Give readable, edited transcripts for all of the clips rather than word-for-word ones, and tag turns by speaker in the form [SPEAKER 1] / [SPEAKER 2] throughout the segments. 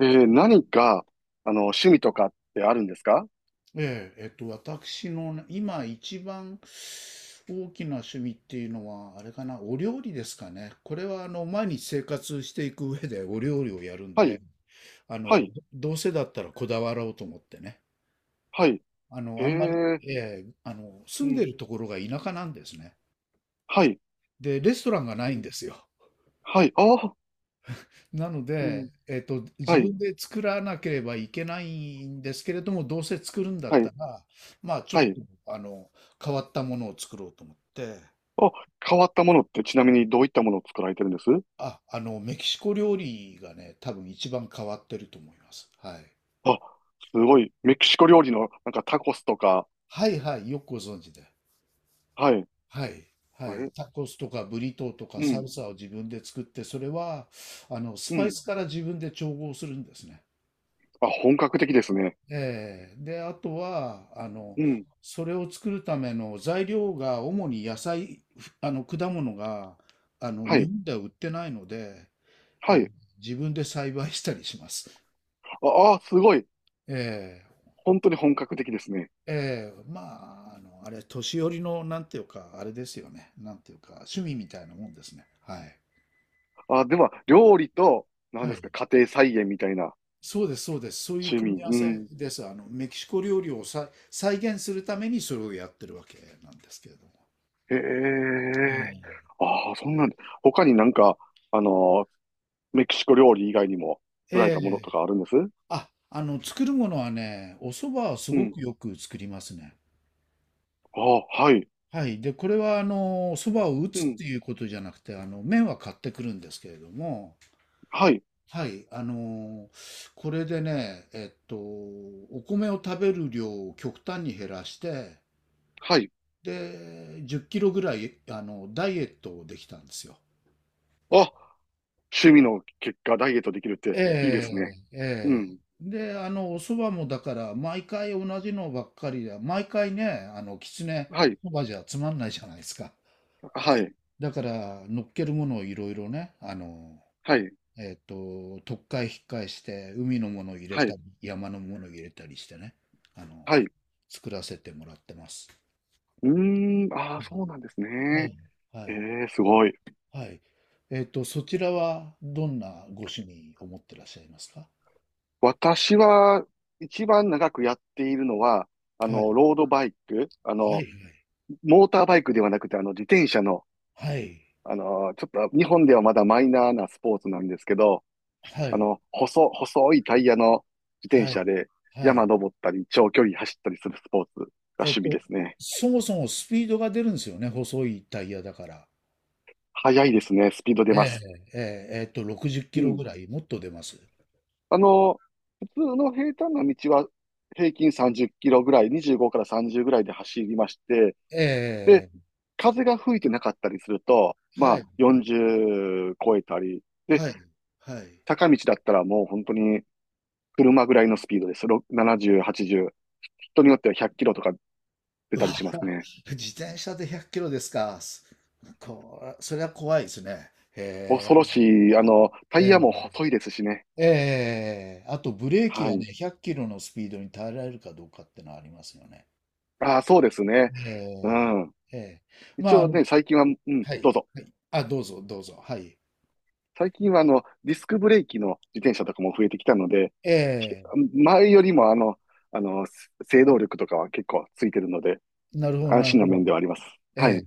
[SPEAKER 1] 何か、趣味とかってあるんですか？
[SPEAKER 2] ええ、私のね今一番大きな趣味っていうのは、あれかな、お料理ですかね。これは、毎日生活していく上でお料理をやるん
[SPEAKER 1] は
[SPEAKER 2] で、
[SPEAKER 1] い、
[SPEAKER 2] あ
[SPEAKER 1] は
[SPEAKER 2] の、
[SPEAKER 1] い、
[SPEAKER 2] どどうせだったらこだわろうと思ってね。
[SPEAKER 1] はい。
[SPEAKER 2] あの、
[SPEAKER 1] へ
[SPEAKER 2] あんまり、
[SPEAKER 1] え。
[SPEAKER 2] ええ、住んでるところが田舎なんですね。で、レストランがな
[SPEAKER 1] う
[SPEAKER 2] いん
[SPEAKER 1] ん、
[SPEAKER 2] ですよ。
[SPEAKER 1] はい、うん、はい。ああ、
[SPEAKER 2] なの
[SPEAKER 1] うん、
[SPEAKER 2] で、
[SPEAKER 1] は
[SPEAKER 2] 自
[SPEAKER 1] い、
[SPEAKER 2] 分で作らなければいけないんですけれども、どうせ作るんだっ
[SPEAKER 1] は
[SPEAKER 2] た
[SPEAKER 1] い、
[SPEAKER 2] ら、まあ、ちょっ
[SPEAKER 1] はい。
[SPEAKER 2] と、あの、変わったものを作ろうと思って、
[SPEAKER 1] あ、変わったものってちなみにどういったものを作られてるんです？
[SPEAKER 2] メキシコ料理がね、多分一番変わってると思います。はい。
[SPEAKER 1] あ、すごい。メキシコ料理のなんかタコスとか。
[SPEAKER 2] はいはい、よくご存知で。
[SPEAKER 1] はい。え、
[SPEAKER 2] はい。はい。タコスとかブリトーとか
[SPEAKER 1] う
[SPEAKER 2] サ
[SPEAKER 1] ん、
[SPEAKER 2] ルサを自分で作って、それは、ス
[SPEAKER 1] う
[SPEAKER 2] パイ
[SPEAKER 1] ん。
[SPEAKER 2] スから自分で調合するんですね。
[SPEAKER 1] あ、本格的ですね。
[SPEAKER 2] で、あとは、
[SPEAKER 1] うん、
[SPEAKER 2] それを作るための材料が主に野菜、ふあの、果物が、
[SPEAKER 1] は
[SPEAKER 2] 日
[SPEAKER 1] い、
[SPEAKER 2] 本では売ってないので、
[SPEAKER 1] は
[SPEAKER 2] ええ
[SPEAKER 1] い。
[SPEAKER 2] 自分で栽培したりします。
[SPEAKER 1] ああ、すごい。
[SPEAKER 2] ええ。
[SPEAKER 1] 本当に本格的ですね。
[SPEAKER 2] ええ、まあ、あの、あれ、年寄りの、なんていうか、あれですよね。なんていうか、趣味みたいなもんですね。はい。
[SPEAKER 1] あ、では、料理と、何
[SPEAKER 2] は
[SPEAKER 1] です
[SPEAKER 2] い。
[SPEAKER 1] か、家庭菜園みたいな？
[SPEAKER 2] そうです、そうです。そういう
[SPEAKER 1] 趣味。
[SPEAKER 2] 組み合わ
[SPEAKER 1] う
[SPEAKER 2] せ
[SPEAKER 1] ん。
[SPEAKER 2] です。メキシコ料理をさ、再現するためにそれをやってるわけなんですけれども。
[SPEAKER 1] へ
[SPEAKER 2] え
[SPEAKER 1] え。
[SPEAKER 2] え。
[SPEAKER 1] ああ、そんなん、他になんか、あのーメキシコ料理以外にも
[SPEAKER 2] え
[SPEAKER 1] 作られたものと
[SPEAKER 2] え
[SPEAKER 1] かあるんです？
[SPEAKER 2] 作るものはね、お蕎麦はす
[SPEAKER 1] う
[SPEAKER 2] ご
[SPEAKER 1] ん。
[SPEAKER 2] くよく作りますね。
[SPEAKER 1] ああ、はい。
[SPEAKER 2] はい。で、これは、お蕎麦を打
[SPEAKER 1] う
[SPEAKER 2] つっ
[SPEAKER 1] ん。
[SPEAKER 2] ていうことじゃなくて、麺は買ってくるんですけれども、
[SPEAKER 1] はい。
[SPEAKER 2] はい、これでね、お米を食べる量を極端に減らして、
[SPEAKER 1] はい。
[SPEAKER 2] で、10キロぐらい、ダイエットをできたんですよ。
[SPEAKER 1] あ、趣味の結果ダイエットできるっていいで
[SPEAKER 2] え
[SPEAKER 1] すね。
[SPEAKER 2] え、
[SPEAKER 1] う
[SPEAKER 2] ええ。
[SPEAKER 1] ん。
[SPEAKER 2] で、お蕎麦もだから、毎回同じのばっかりで、毎回ね、あの、きつね、
[SPEAKER 1] はい。
[SPEAKER 2] そばじゃつまんないじゃないですか。
[SPEAKER 1] はい。
[SPEAKER 2] だから、乗っけるものをいろいろね、
[SPEAKER 1] はい。
[SPEAKER 2] とっかえひっかえして、海のものを入れ
[SPEAKER 1] は
[SPEAKER 2] た
[SPEAKER 1] い。
[SPEAKER 2] り、山のものを入れたりしてね、あの、
[SPEAKER 1] はい。う
[SPEAKER 2] 作らせてもらってます。
[SPEAKER 1] ーん。ああ、そうなんです
[SPEAKER 2] は
[SPEAKER 1] ね。
[SPEAKER 2] い。は
[SPEAKER 1] え
[SPEAKER 2] い。
[SPEAKER 1] え、すごい。
[SPEAKER 2] はい。そちらはどんなご趣味を持ってらっしゃいますか？
[SPEAKER 1] 私は、一番長くやっているのは、
[SPEAKER 2] はい。
[SPEAKER 1] ロードバイク、
[SPEAKER 2] はい。
[SPEAKER 1] モーターバイクではなくて、自転車の、
[SPEAKER 2] はい。
[SPEAKER 1] ちょっと日本ではまだマイナーなスポーツなんですけど、
[SPEAKER 2] はい。
[SPEAKER 1] 細いタイヤの自転
[SPEAKER 2] はい。
[SPEAKER 1] 車で
[SPEAKER 2] は
[SPEAKER 1] 山
[SPEAKER 2] い。
[SPEAKER 1] 登ったり、長距離走ったりするスポーツが
[SPEAKER 2] えっ
[SPEAKER 1] 趣味で
[SPEAKER 2] と、
[SPEAKER 1] すね。
[SPEAKER 2] そもそもスピードが出るんですよね、細いタイヤだから。
[SPEAKER 1] 速いですね。スピード出
[SPEAKER 2] え
[SPEAKER 1] ま
[SPEAKER 2] え、
[SPEAKER 1] す。
[SPEAKER 2] ええ、60キ
[SPEAKER 1] う
[SPEAKER 2] ロぐ
[SPEAKER 1] ん。
[SPEAKER 2] らい、もっと出ます。
[SPEAKER 1] あの、普通の平坦な道は平均30キロぐらい、25から30ぐらいで走りまして、
[SPEAKER 2] え
[SPEAKER 1] で、
[SPEAKER 2] え、
[SPEAKER 1] 風が吹いてなかったりすると、ま
[SPEAKER 2] は
[SPEAKER 1] あ
[SPEAKER 2] い。
[SPEAKER 1] 40超えたり、で、
[SPEAKER 2] はい。はい。
[SPEAKER 1] 坂道だったらもう本当に車ぐらいのスピードです。70、80。人によっては100キロとか出たりしますね。
[SPEAKER 2] 自転車で100キロですか。それは怖いですね。へ
[SPEAKER 1] 恐ろ
[SPEAKER 2] え。
[SPEAKER 1] しい。タイ
[SPEAKER 2] え
[SPEAKER 1] ヤも
[SPEAKER 2] え。
[SPEAKER 1] 細いですしね。
[SPEAKER 2] えあとブレーキ
[SPEAKER 1] は
[SPEAKER 2] がね、
[SPEAKER 1] い。
[SPEAKER 2] 100キロのスピードに耐えられるかどうかってのはありますよね。
[SPEAKER 1] ああ、そうですね。
[SPEAKER 2] え
[SPEAKER 1] う
[SPEAKER 2] え。
[SPEAKER 1] ん。
[SPEAKER 2] ええ。ま
[SPEAKER 1] 一
[SPEAKER 2] あ、あ
[SPEAKER 1] 応
[SPEAKER 2] の、
[SPEAKER 1] ね、最近は、うん、
[SPEAKER 2] は
[SPEAKER 1] ど
[SPEAKER 2] い。
[SPEAKER 1] うぞ。
[SPEAKER 2] はい。あ、どうぞ、どうぞ。はい。
[SPEAKER 1] 最近はディスクブレーキの自転車とかも増えてきたので、
[SPEAKER 2] え
[SPEAKER 1] ひ
[SPEAKER 2] え。
[SPEAKER 1] 前よりもあの、制動力とかは結構ついてるので、
[SPEAKER 2] なるほど、
[SPEAKER 1] 安
[SPEAKER 2] なる
[SPEAKER 1] 心な
[SPEAKER 2] ほ
[SPEAKER 1] 面
[SPEAKER 2] ど。
[SPEAKER 1] ではあります。
[SPEAKER 2] え
[SPEAKER 1] はい。
[SPEAKER 2] え。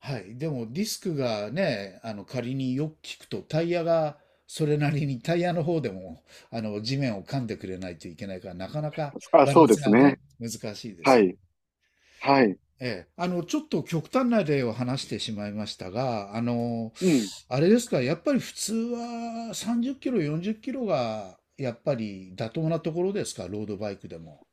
[SPEAKER 2] はい。でもディスクがね、あの仮によく聞くとタイヤがそれなりにタイヤの方でもあの地面を噛んでくれないといけないからなかなか
[SPEAKER 1] あ、
[SPEAKER 2] バラ
[SPEAKER 1] そ
[SPEAKER 2] ン
[SPEAKER 1] うで
[SPEAKER 2] ス
[SPEAKER 1] す
[SPEAKER 2] が
[SPEAKER 1] ね。
[SPEAKER 2] ね、難しいです
[SPEAKER 1] は
[SPEAKER 2] よ。
[SPEAKER 1] い。はい。
[SPEAKER 2] ええ。ちょっと極端な例を話してしまいましたが、
[SPEAKER 1] うん。
[SPEAKER 2] あれですか、やっぱり普通は30キロ、40キロがやっぱり妥当なところですか、ロードバイクでも。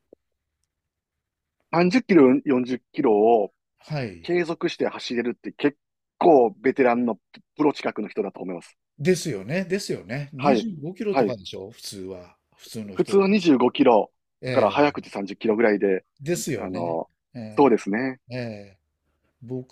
[SPEAKER 1] 30キロ、40キロを
[SPEAKER 2] はい。
[SPEAKER 1] 継続して走れるって結構ベテランのプロ近くの人だと思います。
[SPEAKER 2] ですよね、ですよね。
[SPEAKER 1] は
[SPEAKER 2] 25
[SPEAKER 1] い。
[SPEAKER 2] キロ
[SPEAKER 1] は
[SPEAKER 2] とか
[SPEAKER 1] い。
[SPEAKER 2] でしょ、普通は。普通の
[SPEAKER 1] 普
[SPEAKER 2] 人
[SPEAKER 1] 通
[SPEAKER 2] だ。
[SPEAKER 1] は25キロ
[SPEAKER 2] え
[SPEAKER 1] から早
[SPEAKER 2] え。
[SPEAKER 1] くて30キロぐらいで、
[SPEAKER 2] ですよ
[SPEAKER 1] あ
[SPEAKER 2] ね。
[SPEAKER 1] の、
[SPEAKER 2] え
[SPEAKER 1] そうですね。
[SPEAKER 2] え、ええ。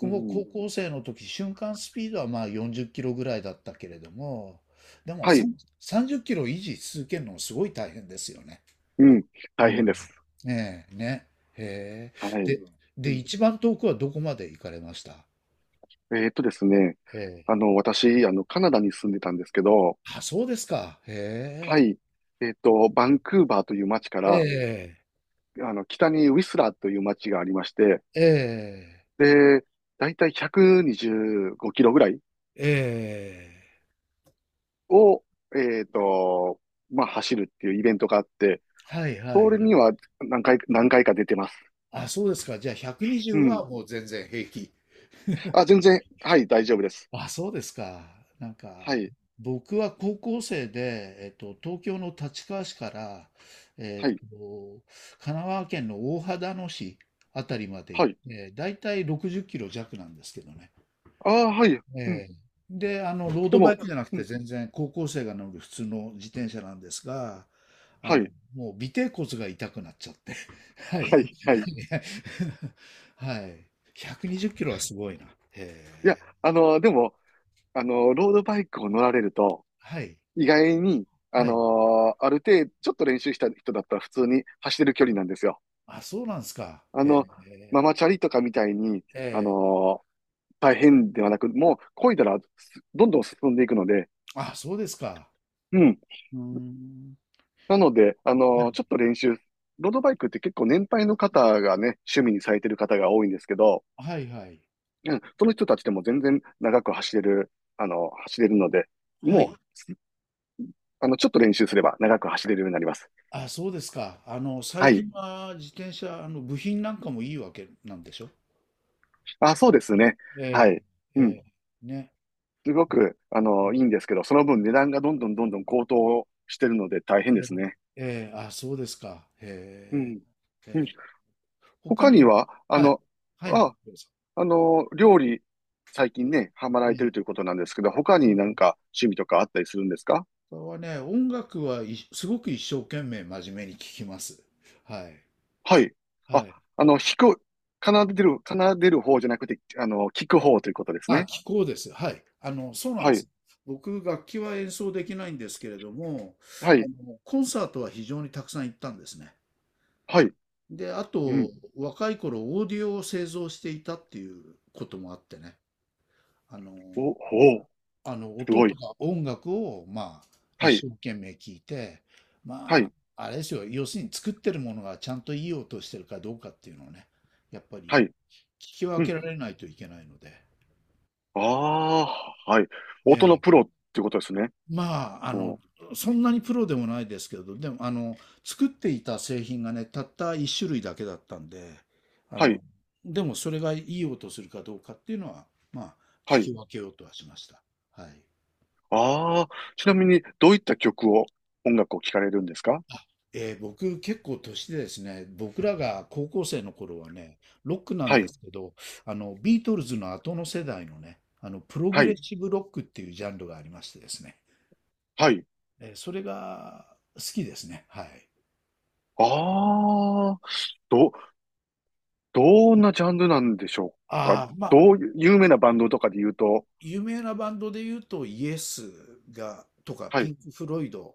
[SPEAKER 1] う
[SPEAKER 2] も
[SPEAKER 1] ん。
[SPEAKER 2] 高校生の時、瞬間スピードはまあ40キロぐらいだったけれども、でも
[SPEAKER 1] は
[SPEAKER 2] さ
[SPEAKER 1] い。
[SPEAKER 2] ん30キロ維持し続けるのもすごい大変ですよね。
[SPEAKER 1] うん。
[SPEAKER 2] う
[SPEAKER 1] 大変で
[SPEAKER 2] ん。
[SPEAKER 1] す。
[SPEAKER 2] ええ、ね。へえ。
[SPEAKER 1] はい。
[SPEAKER 2] で、
[SPEAKER 1] う
[SPEAKER 2] で、
[SPEAKER 1] ん、
[SPEAKER 2] 一番遠くはどこまで行かれました？
[SPEAKER 1] ですね。
[SPEAKER 2] ええ。
[SPEAKER 1] 私、カナダに住んでたんですけど、
[SPEAKER 2] あ、そうですか。へ
[SPEAKER 1] は
[SPEAKER 2] え。
[SPEAKER 1] い。バンクーバーという街か
[SPEAKER 2] え
[SPEAKER 1] ら、
[SPEAKER 2] え、
[SPEAKER 1] 北にウィスラーという街がありまして、
[SPEAKER 2] ええ、
[SPEAKER 1] で、だいたい125キロぐらい
[SPEAKER 2] ええ。
[SPEAKER 1] を、えっと、まあ、走るっていうイベントがあって、
[SPEAKER 2] はいはいは
[SPEAKER 1] それに
[SPEAKER 2] い。
[SPEAKER 1] は何回か出てます。
[SPEAKER 2] あ、そうですか。じゃあ
[SPEAKER 1] う
[SPEAKER 2] 120
[SPEAKER 1] ん。
[SPEAKER 2] はもう全然平気。
[SPEAKER 1] あ、全然、はい、大丈夫です。
[SPEAKER 2] あ、そうですか。なん
[SPEAKER 1] は
[SPEAKER 2] か、
[SPEAKER 1] い、
[SPEAKER 2] 僕は高校生で、東京の立川市から、
[SPEAKER 1] は
[SPEAKER 2] え
[SPEAKER 1] い、
[SPEAKER 2] っと、神奈川県の大秦野市あたりまで行
[SPEAKER 1] は
[SPEAKER 2] っ
[SPEAKER 1] い。
[SPEAKER 2] て、だいたい60キロ弱なんですけどね。
[SPEAKER 1] ああ、はい、うん。
[SPEAKER 2] ええで、ロー
[SPEAKER 1] で
[SPEAKER 2] ドバイ
[SPEAKER 1] も、
[SPEAKER 2] クじゃなく
[SPEAKER 1] う
[SPEAKER 2] て
[SPEAKER 1] ん、
[SPEAKER 2] 全然高校生が乗る普通の自転車なんですが、
[SPEAKER 1] はい、
[SPEAKER 2] もう尾てい骨が痛くなっちゃって。はい。
[SPEAKER 1] はい、はい。い
[SPEAKER 2] はい。120キロはすごいな。ええ。
[SPEAKER 1] や、でも、ロードバイクを乗られると、
[SPEAKER 2] はい。
[SPEAKER 1] 意外に、あ
[SPEAKER 2] はい。
[SPEAKER 1] のある程度、ちょっと練習した人だったら普通に走れる距離なんですよ。
[SPEAKER 2] あ、そうなんですか。
[SPEAKER 1] あ
[SPEAKER 2] へ
[SPEAKER 1] の、マ
[SPEAKER 2] え。
[SPEAKER 1] マチャリとかみたいに、あ
[SPEAKER 2] ええ。
[SPEAKER 1] の大変ではなく、もう漕いだらどんどん進んでいくので、
[SPEAKER 2] あ、そうですか。
[SPEAKER 1] うん。
[SPEAKER 2] うーん。
[SPEAKER 1] なので、
[SPEAKER 2] は
[SPEAKER 1] ちょ
[SPEAKER 2] い。
[SPEAKER 1] っと練習、ロードバイクって結構年配の方がね、趣味にされてる方が多いんですけど、
[SPEAKER 2] はいはい。
[SPEAKER 1] うん、その人たちでも全然長く走れる、走れるので、
[SPEAKER 2] はい。
[SPEAKER 1] もう、ちょっと練習すれば長く走れるようになります。
[SPEAKER 2] あ、そうですか。最
[SPEAKER 1] はい。
[SPEAKER 2] 近は自転車、部品なんかもいいわけなんでしょ？
[SPEAKER 1] あ、そうですね。は
[SPEAKER 2] ええ、
[SPEAKER 1] い。
[SPEAKER 2] え
[SPEAKER 1] うん。
[SPEAKER 2] え、ね。
[SPEAKER 1] すごく、いいんですけど、その分値段がどんどんどんどん高騰してるので大変ですね。
[SPEAKER 2] ええ、ええ、あ、そうですか。へ
[SPEAKER 1] う
[SPEAKER 2] え。
[SPEAKER 1] ん。うん。
[SPEAKER 2] ええ。他
[SPEAKER 1] 他
[SPEAKER 2] に
[SPEAKER 1] に
[SPEAKER 2] は、
[SPEAKER 1] は、
[SPEAKER 2] はい。はいはい、
[SPEAKER 1] あ、
[SPEAKER 2] どうぞ。
[SPEAKER 1] 料理、最近ね、ハマら
[SPEAKER 2] え
[SPEAKER 1] れてるとい
[SPEAKER 2] え、
[SPEAKER 1] うことなんですけど、他
[SPEAKER 2] え
[SPEAKER 1] になん
[SPEAKER 2] え。
[SPEAKER 1] か趣味とかあったりするんですか？
[SPEAKER 2] 他はね、音楽はすごく一生懸命真面目に聴きます。はい。
[SPEAKER 1] はい。あ、
[SPEAKER 2] はい。
[SPEAKER 1] 弾く、奏でる方じゃなくて、聞く方ということです
[SPEAKER 2] あ、
[SPEAKER 1] ね。
[SPEAKER 2] 気候です。はい。そうなん
[SPEAKER 1] は
[SPEAKER 2] で
[SPEAKER 1] い。
[SPEAKER 2] す。僕、楽器は演奏できないんですけれども、
[SPEAKER 1] はい。
[SPEAKER 2] コンサートは非常にたくさん行ったんですね。
[SPEAKER 1] はい。
[SPEAKER 2] で、あ
[SPEAKER 1] うん。
[SPEAKER 2] と、若い頃、オーディオを製造していたっていうこともあってね。あの、
[SPEAKER 1] お、ほう。す
[SPEAKER 2] 音
[SPEAKER 1] ご
[SPEAKER 2] と
[SPEAKER 1] い。
[SPEAKER 2] か音楽を、まあ、
[SPEAKER 1] はい。
[SPEAKER 2] 一生懸命聞いて、
[SPEAKER 1] は
[SPEAKER 2] ま
[SPEAKER 1] い。
[SPEAKER 2] あ、あれですよ。要するに作ってるものがちゃんといい音してるかどうかっていうのをね、やっぱ
[SPEAKER 1] は
[SPEAKER 2] り
[SPEAKER 1] い。
[SPEAKER 2] 聞き分
[SPEAKER 1] う
[SPEAKER 2] け
[SPEAKER 1] ん。
[SPEAKER 2] られないといけないので。
[SPEAKER 1] ああ、はい。音の
[SPEAKER 2] え
[SPEAKER 1] プロっていうことですね。
[SPEAKER 2] まあ、
[SPEAKER 1] お、
[SPEAKER 2] そんなにプロでもないですけど、でも、作っていた製品がね、たった一種類だけだったんで、あ
[SPEAKER 1] はい。
[SPEAKER 2] の、でもそれがいい音するかどうかっていうのは、まあ、
[SPEAKER 1] は
[SPEAKER 2] 聞き
[SPEAKER 1] い。
[SPEAKER 2] 分けようとはしました。はい。
[SPEAKER 1] ああ、ちなみにどういった曲を、音楽を聴かれるんですか？
[SPEAKER 2] 僕結構年でですね、僕らが高校生の頃はね、ロックなん
[SPEAKER 1] は
[SPEAKER 2] で
[SPEAKER 1] い、
[SPEAKER 2] すけど、ビートルズの後の世代のね、プログ
[SPEAKER 1] は
[SPEAKER 2] レッ
[SPEAKER 1] い、
[SPEAKER 2] シブロックっていうジャンルがありましてですね、
[SPEAKER 1] はい。
[SPEAKER 2] それが好きですね。はい。
[SPEAKER 1] ああ、ど、どんなジャンルなんでしょうか？
[SPEAKER 2] ああ、まあ、
[SPEAKER 1] 有名なバンドとかで言うと、
[SPEAKER 2] 有名なバンドで言うと、イエスとか、
[SPEAKER 1] は
[SPEAKER 2] ピ
[SPEAKER 1] い。
[SPEAKER 2] ンク・フロイドっ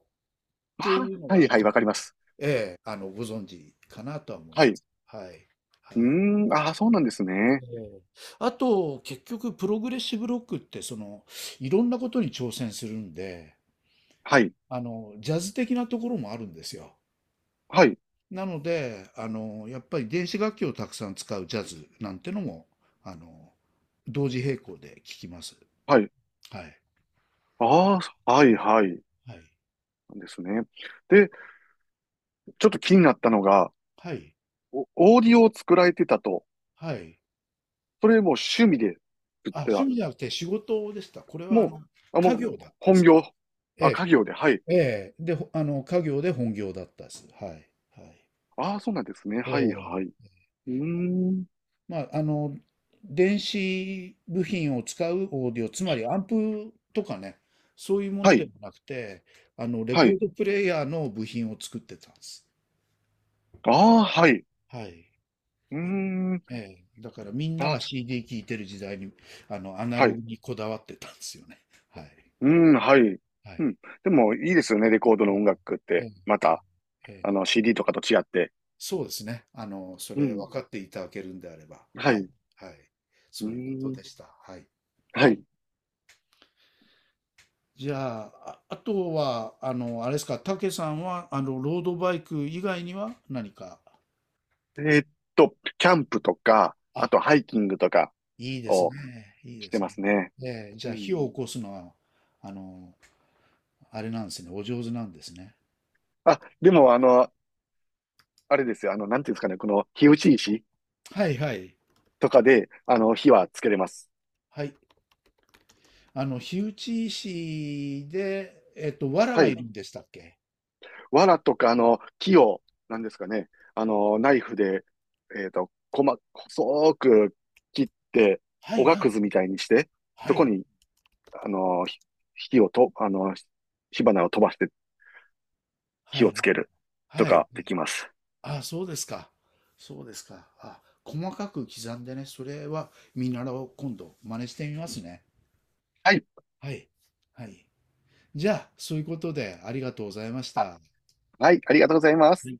[SPEAKER 2] て
[SPEAKER 1] あ
[SPEAKER 2] いうの
[SPEAKER 1] あ、はい、
[SPEAKER 2] が、
[SPEAKER 1] はい、わかります。
[SPEAKER 2] ええ、ご存知かなとは思い
[SPEAKER 1] は
[SPEAKER 2] ま
[SPEAKER 1] い。
[SPEAKER 2] す。はい。はい。
[SPEAKER 1] うーん、ああ、そうなんですね。
[SPEAKER 2] ええあと、結局、プログレッシブロックって、その、いろんなことに挑戦するんで、
[SPEAKER 1] はい、
[SPEAKER 2] ジャズ的なところもあるんですよ。
[SPEAKER 1] はい、
[SPEAKER 2] なので、やっぱり電子楽器をたくさん使うジャズなんてのも、あの、同時並行で聴きます。
[SPEAKER 1] はい。
[SPEAKER 2] はい。
[SPEAKER 1] ああ、はい、はい。
[SPEAKER 2] はい。
[SPEAKER 1] なんですね。で、ちょっと気になったのが、
[SPEAKER 2] はい。
[SPEAKER 1] オーディオを作られてたと、
[SPEAKER 2] はい。
[SPEAKER 1] それも趣味で作っ
[SPEAKER 2] あ、
[SPEAKER 1] て
[SPEAKER 2] 趣
[SPEAKER 1] た？
[SPEAKER 2] 味じゃなくて仕事でした。これはあ
[SPEAKER 1] も
[SPEAKER 2] の、
[SPEAKER 1] もう、
[SPEAKER 2] 家業だったんで
[SPEAKER 1] 本
[SPEAKER 2] す。
[SPEAKER 1] 業。
[SPEAKER 2] え
[SPEAKER 1] あ、家業で、はい。
[SPEAKER 2] え、ええ、で、ほあの、家業で本業だったです。はい。はい。
[SPEAKER 1] ああ、そうなんですね。
[SPEAKER 2] え
[SPEAKER 1] はい、
[SPEAKER 2] え、
[SPEAKER 1] はい。うーん。
[SPEAKER 2] まあ、あの、電子部品を使うオーディオ、つまりアンプとかね、そういうも
[SPEAKER 1] は
[SPEAKER 2] ので
[SPEAKER 1] い、
[SPEAKER 2] もなくて、レ
[SPEAKER 1] は
[SPEAKER 2] コー
[SPEAKER 1] い。
[SPEAKER 2] ドプレイヤーの部品を作ってたんです。
[SPEAKER 1] ああ、はい。
[SPEAKER 2] はい。
[SPEAKER 1] うーん。
[SPEAKER 2] ええ、だからみんな
[SPEAKER 1] あ、
[SPEAKER 2] が CD 聴いてる時代に、アナ
[SPEAKER 1] はい。
[SPEAKER 2] ログ
[SPEAKER 1] う
[SPEAKER 2] にこだわってたんですよね。はい。
[SPEAKER 1] ーん、はい。
[SPEAKER 2] は
[SPEAKER 1] う
[SPEAKER 2] い。
[SPEAKER 1] ん。でも、いいですよね。レコードの音楽っ
[SPEAKER 2] え
[SPEAKER 1] て。また、
[SPEAKER 2] え、ええ、
[SPEAKER 1] CD とかと違って。
[SPEAKER 2] そうですね。そ
[SPEAKER 1] う
[SPEAKER 2] れ
[SPEAKER 1] ん。
[SPEAKER 2] 分かっていただけるんであれば。
[SPEAKER 1] はい。
[SPEAKER 2] はい。
[SPEAKER 1] う
[SPEAKER 2] はい。
[SPEAKER 1] ー
[SPEAKER 2] そういうこと
[SPEAKER 1] ん。
[SPEAKER 2] でした。はい。
[SPEAKER 1] はい。
[SPEAKER 2] じゃあ、あ、あとは、あれですか、たけさんは、ロードバイク以外には何か。
[SPEAKER 1] えーっキャンプとか、
[SPEAKER 2] あ、
[SPEAKER 1] あと、ハイキングとか
[SPEAKER 2] いいですね。
[SPEAKER 1] を
[SPEAKER 2] いい
[SPEAKER 1] し
[SPEAKER 2] で
[SPEAKER 1] て
[SPEAKER 2] す
[SPEAKER 1] ま
[SPEAKER 2] ね。
[SPEAKER 1] すね。
[SPEAKER 2] ええ、じ
[SPEAKER 1] う
[SPEAKER 2] ゃあ、火
[SPEAKER 1] ん。
[SPEAKER 2] を起こすのは、あの、あれなんですね。お上手なんですね。
[SPEAKER 1] あ、でも、あれですよ。なんていうんですかね。この、火打ち石。
[SPEAKER 2] はいはい。
[SPEAKER 1] とかで、火はつけれます。
[SPEAKER 2] はい。火打ち石で、藁
[SPEAKER 1] は
[SPEAKER 2] がい
[SPEAKER 1] い。
[SPEAKER 2] るんでしたっけ？
[SPEAKER 1] 藁とか、木を、なんですかね、ナイフで、細く切って、
[SPEAKER 2] は
[SPEAKER 1] お
[SPEAKER 2] い
[SPEAKER 1] が
[SPEAKER 2] は
[SPEAKER 1] くず
[SPEAKER 2] い。
[SPEAKER 1] みたいにして、
[SPEAKER 2] は
[SPEAKER 1] そこ
[SPEAKER 2] い。
[SPEAKER 1] に、あの、ひ火をと、あの、火花を飛ばして
[SPEAKER 2] は
[SPEAKER 1] 火を
[SPEAKER 2] い。
[SPEAKER 1] つけると
[SPEAKER 2] はい。
[SPEAKER 1] かできます。
[SPEAKER 2] あ、そうですか。そうですか。あ、細かく刻んでね、それは見習おう。今度、真似してみますね。
[SPEAKER 1] はい。
[SPEAKER 2] はい。はい。じゃあ、そういうことでありがとうございまし
[SPEAKER 1] あ、
[SPEAKER 2] た。
[SPEAKER 1] はい。ありがとうございます。